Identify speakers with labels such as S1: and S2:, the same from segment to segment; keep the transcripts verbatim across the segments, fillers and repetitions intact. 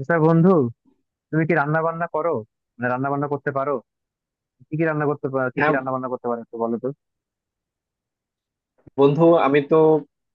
S1: আচ্ছা বন্ধু, তুমি কি রান্না বান্না করো? মানে রান্না বান্না করতে পারো? কি কি রান্না করতে পারো, কি কি
S2: হ্যাঁ
S1: রান্না বান্না করতে পারো একটু বলো তো।
S2: বন্ধু, আমি তো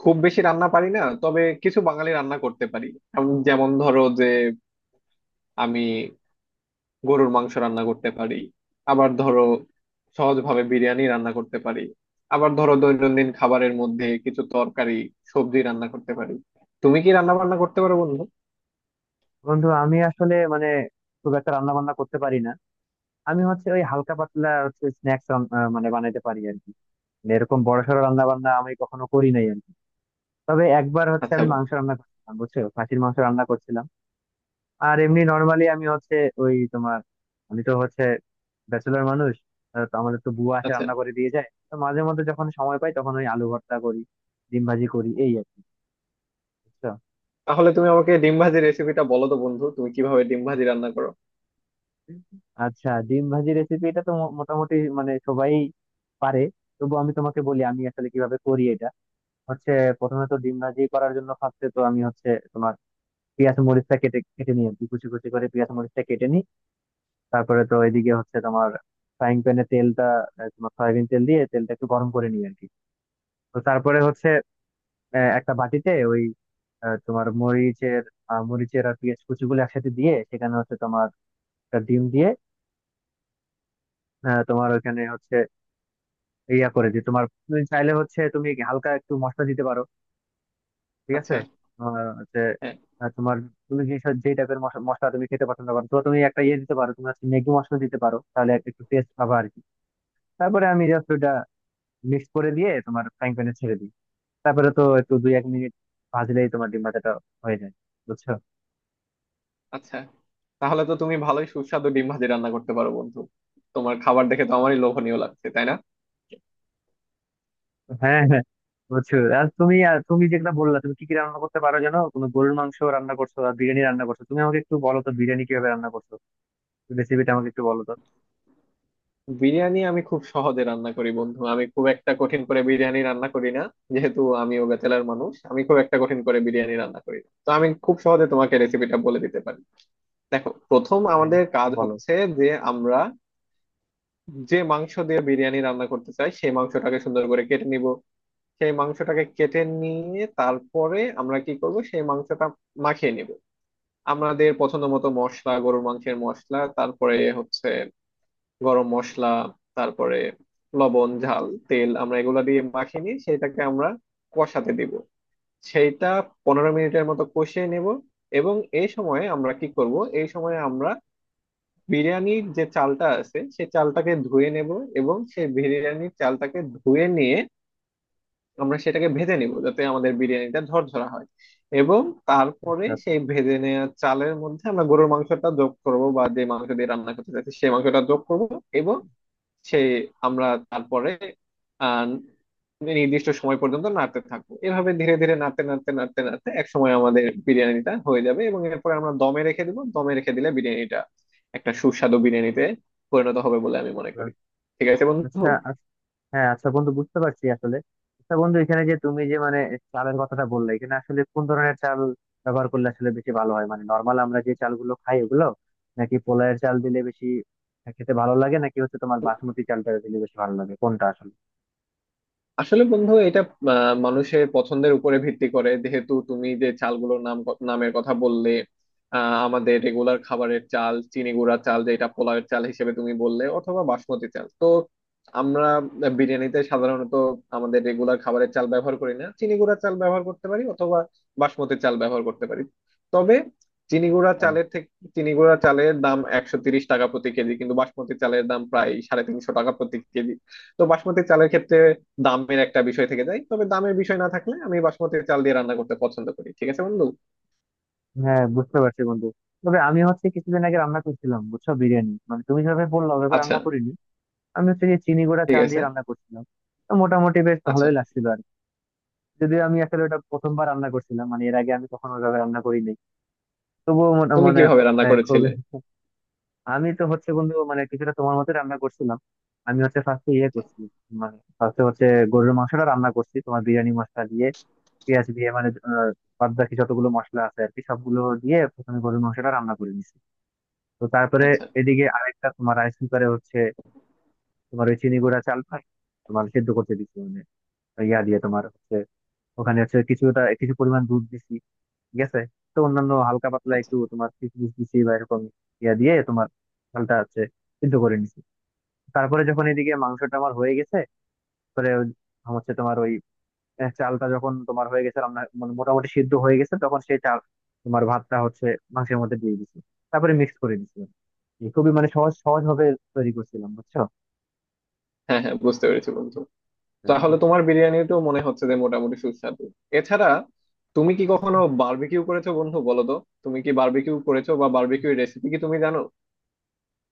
S2: খুব বেশি রান্না পারি না, তবে কিছু বাঙালি রান্না করতে পারি। আম- যেমন ধরো যে আমি গরুর মাংস রান্না করতে পারি। আবার ধরো সহজভাবে বিরিয়ানি রান্না করতে পারি। আবার ধরো দৈনন্দিন খাবারের মধ্যে কিছু তরকারি সবজি রান্না করতে পারি। তুমি কি রান্না বান্না করতে পারো বন্ধু?
S1: বন্ধু আমি আসলে মানে খুব একটা রান্না বান্না করতে পারি না। আমি হচ্ছে ওই হালকা পাতলা হচ্ছে স্ন্যাক্স মানে বানাইতে পারি আর কি। মানে এরকম বড়সড় রান্না বান্না আমি কখনো করি নাই আর কি। তবে একবার হচ্ছে
S2: আচ্ছা
S1: আমি
S2: বন্ধু।
S1: মাংস রান্না করছিলাম, বুঝছো, খাসির মাংস রান্না করছিলাম। আর এমনি নর্মালি আমি হচ্ছে ওই তোমার, আমি তো হচ্ছে ব্যাচেলর মানুষ, আহ, তো আমাদের তো বুয়া আসে
S2: আচ্ছা,
S1: রান্না করে দিয়ে যায়, তো মাঝে মধ্যে যখন সময় পাই তখন ওই আলু ভর্তা করি, ডিম ভাজি করি, এই আর কি। বুঝছো?
S2: তাহলে তুমি আমাকে ডিম ভাজির রেসিপিটা বলো তো বন্ধু, তুমি কিভাবে ডিম ভাজি রান্না করো?
S1: আচ্ছা, ডিম ভাজি রেসিপি এটা তো মো- মোটামুটি মানে সবাই পারে। তবু আমি তোমাকে বলি আমি আসলে কিভাবে করি এটা। হচ্ছে, প্রথমে তো ডিম ভাজি করার জন্য ফার্স্টে তো আমি হচ্ছে তোমার পেঁয়াজ মরিচটা কেটে কেটে নিই আর কি, কুচি কুচি করে পেঁয়াজ মরিচটা কেটে নিই। তারপরে তো এদিকে হচ্ছে তোমার ফ্রাইং প্যানে তেলটা আহ, তোমার সয়াবিন তেল দিয়ে তেলটা একটু গরম করে নিই আর কি। তো তারপরে হচ্ছে আহ, একটা বাটিতে ওই আহ, তোমার মরিচের আহ, মরিচের আর পেঁয়াজ কুচিগুলো একসাথে দিয়ে সেখানে হচ্ছে তোমার একটা ডিম দিয়ে আহ, তোমার ওখানে হচ্ছে ইয়া করে দিই তোমার। তুমি চাইলে হচ্ছে তুমি হালকা একটু মশলা দিতে পারো। ঠিক আছে?
S2: আচ্ছা।
S1: তোমার হচ্ছে
S2: হ্যাঁ।
S1: আহ, তোমার তুমি যে যে টাইপের মশলা তুমি খেতে পছন্দ করো, তো তুমি একটা ইয়ে দিতে পারো, তুমি হচ্ছে ম্যাগি মশলা দিতে পারো, তাহলে একটা একটু টেস্ট পাবা আর কি। তারপরে আমি জাস্ট ওটা মিক্স করে দিয়ে তোমার ফ্রাইং প্যানে ছেড়ে দিই। তারপরে তো একটু দুই এক মিনিট ভাজলেই তোমার ডিম ভাজাটা হয়ে যায়। বুঝছো?
S2: আচ্ছা, তাহলে তো তুমি ভালোই সুস্বাদু ডিম ভাজি রান্না করতে পারো বন্ধু। তোমার খাবার দেখে তো আমারই লোভনীয় লাগছে, তাই না?
S1: হ্যাঁ হ্যাঁ, বুঝছো, আর তুমি আর তুমি যেটা বললা, তুমি কি কি রান্না করতে পারো জানো, তুমি গরুর মাংস রান্না করছো আর বিরিয়ানি রান্না করছো, তুমি আমাকে একটু বলো তো বিরিয়ানি কিভাবে রান্না করছো, রেসিপিটা আমাকে একটু বলো তো।
S2: বিরিয়ানি আমি খুব সহজে রান্না করি বন্ধু, আমি খুব একটা কঠিন করে বিরিয়ানি রান্না করি না। যেহেতু আমিও ব্যাচেলার মানুষ, আমি খুব একটা কঠিন করে বিরিয়ানি রান্না করি না। তো আমি খুব সহজে তোমাকে রেসিপিটা বলে দিতে পারি। দেখো, প্রথম
S1: হ্যাঁ,
S2: আমাদের কাজ
S1: বলো।
S2: হচ্ছে যে আমরা যে মাংস দিয়ে বিরিয়ানি রান্না করতে চাই, সেই মাংসটাকে সুন্দর করে কেটে নিব। সেই মাংসটাকে কেটে নিয়ে তারপরে আমরা কি করব, সেই মাংসটা মাখিয়ে নিব আমাদের পছন্দ মতো মশলা, গরুর মাংসের মশলা, তারপরে হচ্ছে গরম মশলা, তারপরে লবণ, ঝাল, তেল। আমরা এগুলা দিয়ে মাখিয়ে নিয়ে সেটাকে আমরা কষাতে দিব। সেইটা পনেরো মিনিটের মতো কষিয়ে নেব। এবং এই সময়ে আমরা কি করব, এই সময়ে আমরা বিরিয়ানির যে চালটা আছে সেই চালটাকে ধুয়ে নেব। এবং সেই বিরিয়ানির চালটাকে ধুয়ে নিয়ে আমরা সেটাকে ভেজে নিব, যাতে আমাদের বিরিয়ানিটা ঝরঝরা হয়। এবং তারপরে
S1: আচ্ছা আচ্ছা।
S2: সেই ভেজে নেওয়া চালের মধ্যে আমরা গরুর মাংসটা যোগ করব, বা যে মাংস দিয়ে রান্না করতে চাইছি সেই মাংসটা যোগ করব। এবং সেই আমরা তারপরে আহ নির্দিষ্ট সময় পর্যন্ত নাড়তে থাকবো। এভাবে ধীরে ধীরে নাড়তে নাড়তে নাড়তে নাড়তে এক সময় আমাদের বিরিয়ানিটা হয়ে যাবে, এবং এরপরে আমরা দমে রেখে দিব। দমে রেখে দিলে বিরিয়ানিটা একটা সুস্বাদু বিরিয়ানিতে পরিণত হবে বলে আমি মনে করি।
S1: এবার-
S2: ঠিক আছে বন্ধু।
S1: আচ্ছা আচ্ছা, হ্যাঁ আচ্ছা বন্ধু, বুঝতে পারছি আসলে। আচ্ছা বন্ধু, এখানে যে তুমি যে মানে চালের কথাটা বললে, এখানে আসলে কোন ধরনের চাল ব্যবহার করলে আসলে বেশি ভালো হয়? মানে নর্মাল আমরা যে চালগুলো খাই ওগুলো, নাকি পোলাওয়ের চাল দিলে বেশি খেতে ভালো লাগে, নাকি হচ্ছে তোমার বাসমতি চালটা দিলে বেশি ভালো লাগে, কোনটা আসলে?
S2: আসলে বন্ধু, এটা আহ, মানুষের পছন্দের উপরে ভিত্তি করে। যেহেতু তুমি যে চালগুলোর নাম নামের কথা বললে, আহ, আমাদের রেগুলার খাবারের চাল, চিনি গুঁড়া চাল যেটা পোলাওয়ের চাল হিসেবে তুমি বললে, অথবা বাসমতি চাল। তো আমরা বিরিয়ানিতে সাধারণত আমাদের রেগুলার খাবারের চাল ব্যবহার করি না, চিনি গুঁড়া চাল ব্যবহার করতে পারি অথবা বাসমতি চাল ব্যবহার করতে পারি। তবে চিনি গুঁড়া
S1: হ্যাঁ
S2: চালের থেকে চিনি গুঁড়া চালের দাম একশো তিরিশ টাকা প্রতি কেজি, কিন্তু বাসমতি চালের দাম প্রায় সাড়ে তিনশো টাকা প্রতি কেজি। তো বাসমতি চালের ক্ষেত্রে দামের একটা বিষয় থেকে যায়, তবে দামের বিষয় না থাকলে আমি বাসমতি চাল দিয়ে রান্না করতে পছন্দ করি। ঠিক আছে বন্ধু।
S1: হ্যাঁ, বুঝতে পারছি বন্ধু। তবে আমি হচ্ছে কিছুদিন আগে রান্না করছিলাম, বুঝছো, বিরিয়ানি, মানে তুমি যেভাবে বললা ওভাবে
S2: আচ্ছা।
S1: রান্না করিনি। আমি হচ্ছে যে চিনি গুঁড়া
S2: ঠিক
S1: চাল
S2: আছে।
S1: দিয়ে রান্না করছিলাম। তো মোটামুটি বেশ
S2: আচ্ছা,
S1: ভালোই লাগছিল। যদিও আমি আসলে ওটা প্রথমবার রান্না করছিলাম, মানে এর আগে আমি কখনো ওইভাবে রান্না করি নাই। তবুও মনে
S2: তুমি
S1: মানে
S2: কিভাবে রান্না
S1: আহ,
S2: করেছিলে?
S1: খুবই আমি তো হচ্ছে বন্ধু মানে কিছুটা তোমার মতো রান্না করছিলাম। আমি হচ্ছে ফার্স্টে ইয়ে করছি, মানে ফার্স্টে হচ্ছে গরুর মাংসটা রান্না করছি তোমার বিরিয়ানি মশলা দিয়ে, পেঁয়াজ দিয়ে, মানে আহ, বাদ বাকি যতগুলো মশলা আছে আর কি সবগুলো দিয়ে প্রথমে গরুর মাংসটা রান্না করে নিছি। তো তারপরে
S2: আচ্ছা।
S1: এদিকে আরেকটা তোমার রাইস কুকারে হচ্ছে তোমার ওই চিনি গুঁড়া চালটা তোমার সেদ্ধ করতে দিচ্ছি, মানে ইয়া দিয়ে তোমার হচ্ছে ওখানে হচ্ছে কিছুটা কিছু পরিমাণ দুধ দিছি। ঠিক আছে? তো অন্যান্য হালকা পাতলা
S2: আচ্ছা।
S1: একটু তোমার কিশমিশ দিছি বা এরকম ইয়া দিয়ে তোমার ডালটা হচ্ছে সিদ্ধ করে নিছি। তারপরে যখন এদিকে মাংসটা আমার হয়ে গেছে, পরে ওই- হচ্ছে তোমার ওই আহ, চালটা যখন তোমার হয়ে গেছে রান্না, মানে মোটামুটি সিদ্ধ হয়ে গেছে, তখন সেই চাল তোমার ভাতটা হচ্ছে মাংসের মধ্যে দিয়ে দিছি, তারপরে মিক্স করে দিছি। এই খুবই মানে সহজ সহজ ভাবে তৈরি করছিলাম, বুঝছো।
S2: হ্যাঁ হ্যাঁ, বুঝতে পেরেছি বন্ধু। তাহলে তোমার বিরিয়ানিটাও মনে হচ্ছে যে মোটামুটি সুস্বাদু। এছাড়া তুমি কি কখনো বারবিকিউ করেছো বন্ধু, বলো তো? তুমি কি বারবিকিউ করেছো, বা বারবিকিউ রেসিপি কি তুমি জানো?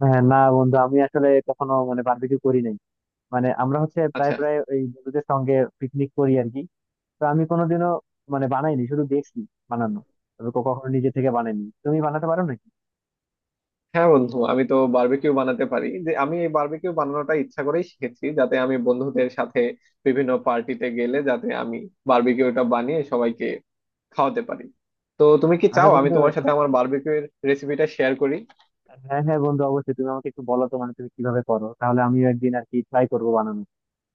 S1: হ্যাঁ না বন্ধু, আমি আসলে কখনো মানে বারবিকিউ করি নাই। মানে আমরা হচ্ছে প্রায়
S2: আচ্ছা।
S1: প্রায় ওই বন্ধুদের সঙ্গে পিকনিক করি আর কি। তো আমি কোনোদিনও মানে বানাইনি, শুধু দেখছি বানানো। তবে কো- কখনো নিজে থেকে বানাইনি। তুমি বানাতে পারো নাকি?
S2: হ্যাঁ বন্ধু, আমি তো বারবিকিউ বানাতে পারি। যে আমি এই বারবিকিউ বানানোটা ইচ্ছা করেই শিখেছি, যাতে আমি বন্ধুদের সাথে বিভিন্ন পার্টিতে গেলে যাতে আমি বারবিকিউটা বানিয়ে সবাইকে খাওয়াতে পারি। তো তুমি কি
S1: আচ্ছা
S2: চাও আমি
S1: বন্ধু,
S2: তোমার সাথে আমার বারবিকিউ এর রেসিপিটা শেয়ার করি?
S1: হ্যাঁ হ্যাঁ বন্ধু, অবশ্যই। তুমি আমাকে একটু বলো তো মানে তুমি কিভাবে করো, তাহলে আমিও একদিন আর কি ট্রাই করবো বানানো।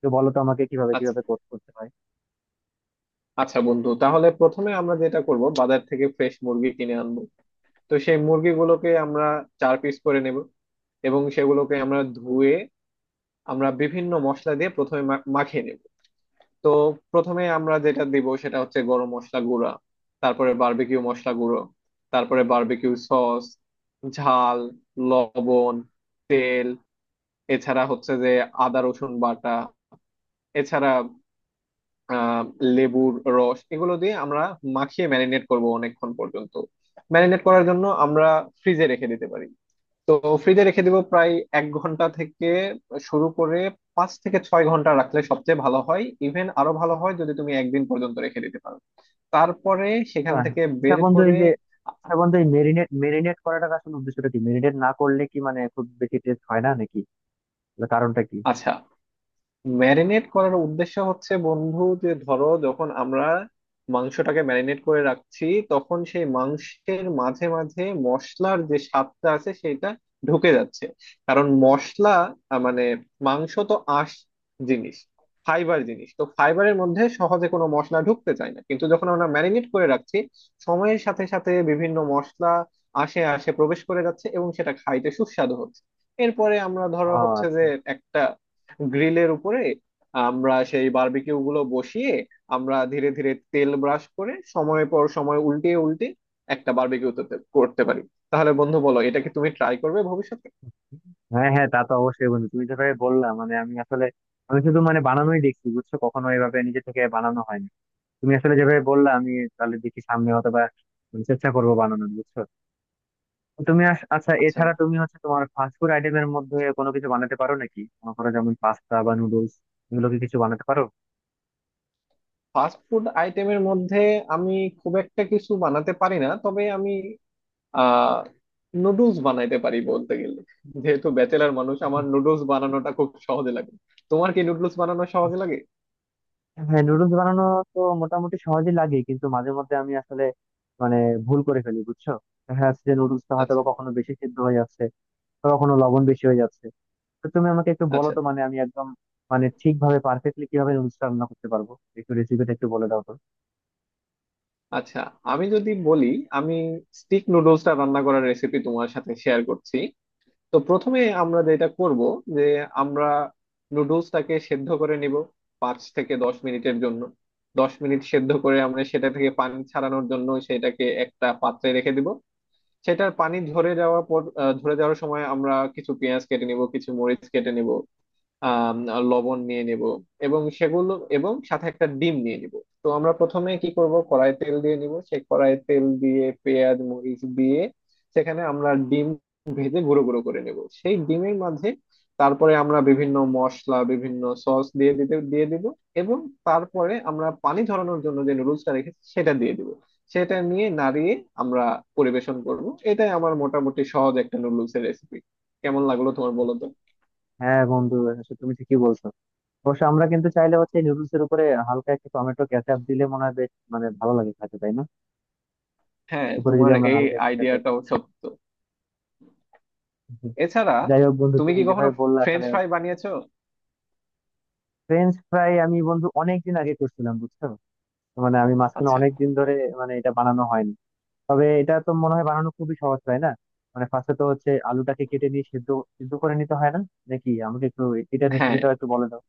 S1: তো বলো তো আমাকে কিভাবে
S2: আচ্ছা।
S1: কিভাবে কর- করতে হয়।
S2: আচ্ছা বন্ধু, তাহলে প্রথমে আমরা যেটা করব, বাজার থেকে ফ্রেশ মুরগি কিনে আনবো। তো সেই মুরগিগুলোকে আমরা চার পিস করে নেব। এবং সেগুলোকে আমরা ধুয়ে আমরা বিভিন্ন মশলা দিয়ে প্রথমে মা- মাখিয়ে নেব। তো প্রথমে আমরা যেটা দিব সেটা হচ্ছে গরম মশলা গুঁড়া, তারপরে বারবিকিউ মশলা গুঁড়ো, তারপরে বারবিকিউ সস, ঝাল, লবণ, তেল, এছাড়া হচ্ছে যে আদা রসুন বাটা, এছাড়া আহ লেবুর রস। এগুলো দিয়ে আমরা মাখিয়ে ম্যারিনেট করব অনেকক্ষণ পর্যন্ত। ম্যারিনেট করার জন্য আমরা ফ্রিজে রেখে দিতে পারি। তো ফ্রিজে রেখে দিব প্রায় এক ঘন্টা থেকে শুরু করে পাঁচ থেকে ছয় ঘন্টা রাখলে সবচেয়ে ভালো হয়। ইভেন আরো ভালো হয় যদি তুমি একদিন পর্যন্ত রেখে দিতে পারো। তারপরে সেখান
S1: হ্যাঁ হ্যাঁ।
S2: থেকে
S1: আচ্ছা
S2: বের
S1: বন্ধু, এই
S2: করে
S1: যে আচ্ছা
S2: আ-
S1: বন্ধু, এই মেরিনেট মেরিনেট করাটার আসলে উদ্দেশ্যটা কি? মেরিনেট না করলে কি মানে খুব বেশি টেস্ট হয় না নাকি? তাহলে কারণটা কি?
S2: আচ্ছা, ম্যারিনেট করার উদ্দেশ্য হচ্ছে বন্ধু, যে ধরো যখন আমরা মাংসটাকে ম্যারিনেট করে রাখছি, তখন সেই মাংসের মাঝে মাঝে মশলার যে স্বাদটা আছে সেটা ঢুকে যাচ্ছে। কারণ মশলা আহ, মানে মাংস তো আঁশ জিনিস, ফাইবার জিনিস। তো ফাইবারের মধ্যে সহজে কোনো মশলা ঢুকতে চায় না, কিন্তু যখন আমরা ম্যারিনেট করে রাখছি, সময়ের সাথে সাথে বিভিন্ন মশলা আসে আসে প্রবেশ করে যাচ্ছে, এবং সেটা খাইতে সুস্বাদু হচ্ছে। এরপরে আমরা
S1: ও,
S2: ধরো হচ্ছে যে
S1: আচ্ছা।
S2: একটা গ্রিলের উপরে আমরা সেই বারবিকিউ গুলো বসিয়ে আমরা ধীরে ধীরে তেল ব্রাশ করে সময় পর সময় উল্টিয়ে উল্টে একটা বারবিকিউ করতে পারি। তাহলে বন্ধু বলো, এটা কি তুমি ট্রাই করবে ভবিষ্যতে?
S1: হ্যাঁ হ্যাঁ, তা তো অবশ্যই বন্ধু, তুমি যেভাবে বললা, মানে আমি আসলে আমি শুধু মানে বানানোই দেখছি, বুঝছো, কখনো এভাবে নিজে থেকে বানানো হয়নি। তুমি আসলে যেভাবে বললা আমি তাহলে দেখি সামনে হয়তো বা মানে চেষ্টা করবো বানানোর, বুঝছো। তো তুমি আস- আচ্ছা,
S2: আচ্ছা,
S1: এছাড়া তুমি হচ্ছে তোমার ফাস্ট ফুড আইটেমের মধ্যে কোনো কিছু বানাতে পারো নাকি? মনে করো যেমন পাস্তা বা নুডলস, এগুলো কি কিছু বানাতে পারো?
S2: ফাস্ট ফুড আইটেমের মধ্যে আমি খুব একটা কিছু বানাতে পারি না, তবে আমি আহ নুডলস বানাইতে পারি বলতে গেলে। যেহেতু ব্যাচেলার মানুষ, আমার নুডলস বানানোটা খুব সহজে লাগে। তোমার কি নুডলস বানানো সহজ লাগে?
S1: হ্যাঁ, নুডলস বানানো তো মোটামুটি সহজই লাগে, কিন্তু মাঝে মধ্যে আমি আসলে মানে ভুল করে ফেলি, বুঝছো। দেখা যাচ্ছে যে নুডলসটা হয়তো
S2: আচ্ছা।
S1: বা কখনো বেশি সিদ্ধ হয়ে যাচ্ছে, বা কখনো লবণ বেশি হয়ে যাচ্ছে। তো তুমি আমাকে একটু বলো
S2: আচ্ছা।
S1: তো মানে আমি একদম মানে ঠিকভাবে পারফেক্টলি কিভাবে নুডলসটা রান্না করতে পারবো, একটু রেসিপিটা একটু বলে দাও তো।
S2: আচ্ছা, আমি যদি বলি, আমি স্টিক নুডলসটা রান্না করার রেসিপি তোমার সাথে শেয়ার করছি। তো প্রথমে আমরা যেটা করব যে আমরা নুডলসটাকে সেদ্ধ করে নিব পাঁচ থেকে দশ মিনিটের জন্য। দশ মিনিট সেদ্ধ করে আমরা সেটা থেকে পানি ছাড়ানোর জন্য সেটাকে একটা পাত্রে রেখে দিব। সেটার পানি ঝরে যাওয়ার পর আহ, ঝরে যাওয়ার সময় আমরা কিছু পেঁয়াজ কেটে নিব, কিছু মরিচ কেটে নিব, আহ লবণ নিয়ে নেব, এবং সেগুলো এবং সাথে একটা ডিম নিয়ে নিব। তো আমরা প্রথমে কি করব, কড়াই তেল দিয়ে নিব, সেই কড়াই তেল দিয়ে পেঁয়াজ মরিচ দিয়ে সেখানে আমরা ডিম ভেজে গুঁড়ো গুঁড়ো করে নেব সেই ডিমের মাঝে। তারপরে আমরা বিভিন্ন মশলা বিভিন্ন সস দিয়ে দিতে দিয়ে দিব। এবং তারপরে আমরা পানি ঝরানোর জন্য যে নুডলসটা রেখেছি সেটা দিয়ে দিব। সেটা নিয়ে নাড়িয়ে আমরা পরিবেশন করব। এটাই আমার মোটামুটি সহজ একটা নুডলসের রেসিপি। কেমন লাগলো তোমার, বলো তো?
S1: হ্যাঁ বন্ধু, আসলে তুমি ঠিকই বলছো। অবশ্য আমরা কিন্তু চাইলে হচ্ছে নুডলস এর উপরে হালকা একটু টমেটো কেচাপ দিলে মনে হয় বেশ মানে ভালো লাগে খেতে, তাই না?
S2: হ্যাঁ,
S1: উপরে যদি
S2: তোমার
S1: আমরা
S2: এই
S1: হালকা একটু কেচাপ,
S2: আইডিয়াটাও সত্য। এছাড়া
S1: যাই হোক বন্ধু
S2: তুমি
S1: তুমি
S2: কি কখনো
S1: যেভাবে বললে
S2: ফ্রেঞ্চ
S1: আসলে,
S2: ফ্রাই বানিয়েছো?
S1: ফ্রেঞ্চ ফ্রাই আমি বন্ধু অনেকদিন আগে করছিলাম, বুঝছো। তো মানে আমি মাঝখানে
S2: আচ্ছা।
S1: অনেকদিন ধরে মানে এটা বানানো হয়নি। তবে এটা তো মনে হয় বানানো খুবই সহজ, তাই না? মানে ফার্স্টে তো হচ্ছে আলুটাকে কেটে নিয়ে সিদ্ধ সিদ্ধ করে নিতে হয় না নাকি? আমাকে একটু এটা
S2: হ্যাঁ।
S1: রেসিপিটা একটু বলে দাও।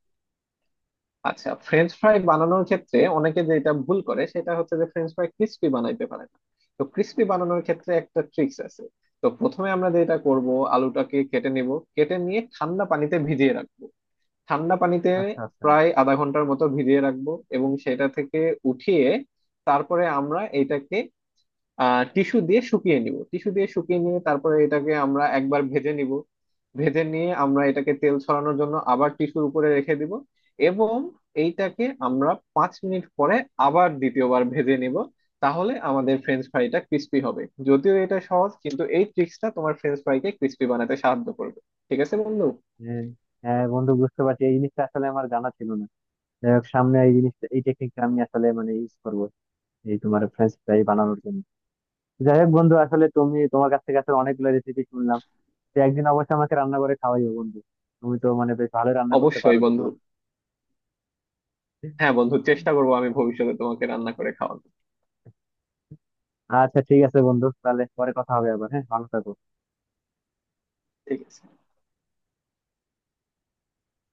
S2: আচ্ছা, ফ্রেঞ্চ ফ্রাই বানানোর ক্ষেত্রে অনেকে যেটা ভুল করে সেটা হচ্ছে যে ফ্রেঞ্চ ফ্রাই ক্রিস্পি বানাইতে পারে না। তো ক্রিস্পি বানানোর ক্ষেত্রে একটা ট্রিক্স আছে। তো প্রথমে আমরা যেটা করব, আলুটাকে কেটে নিব, কেটে নিয়ে ঠান্ডা পানিতে ভিজিয়ে রাখবো। ঠান্ডা পানিতে
S1: আচ্ছা আচ্ছা।
S2: প্রায় আধা ঘন্টার মতো ভিজিয়ে রাখবো। এবং সেটা থেকে উঠিয়ে তারপরে আমরা এটাকে আহ টিস্যু দিয়ে শুকিয়ে নিব। টিস্যু দিয়ে শুকিয়ে নিয়ে তারপরে এটাকে আমরা একবার ভেজে নিব। ভেজে নিয়ে আমরা এটাকে তেল ছড়ানোর জন্য আবার টিস্যুর উপরে রেখে দিব। এবং এইটাকে আমরা পাঁচ মিনিট পরে আবার দ্বিতীয়বার ভেজে নিব। তাহলে আমাদের ফ্রেঞ্চ ফ্রাইটা ক্রিস্পি হবে। যদিও এটা সহজ, কিন্তু এই ট্রিক্সটা তোমার ফ্রেঞ্চ ফ্রাইকে ক্রিস্পি বানাতে সাহায্য করবে। ঠিক আছে বন্ধু।
S1: হ্যাঁ হ্যাঁ বন্ধু, বুঝতে পারছি, এই জিনিসটা আসলে আমার জানা ছিল না। যাই হোক, সামনে এই জিনিসটা এই টেকনিকটা আমি আসলে মানে ইউজ করবো, এই তোমার ফ্রেঞ্চ ফ্রাই বানানোর জন্য। যাই হোক বন্ধু, আসলে তুমি তোমার কাছ থেকে আসলে অনেকগুলো রেসিপি শুনলাম। তো একদিন অবশ্যই আমাকে রান্না করে খাওয়াইও বন্ধু, তুমি তো মানে বেশ ভালো রান্না করতে পারো
S2: অবশ্যই বন্ধু।
S1: দেখলাম।
S2: হ্যাঁ বন্ধু, চেষ্টা করবো, আমি ভবিষ্যতে তোমাকে রান্না করে খাওয়াবো।
S1: আচ্ছা ঠিক আছে বন্ধু, তাহলে পরে কথা হবে আবার। হ্যাঁ, ভালো থাকো।
S2: ঠিক আছে।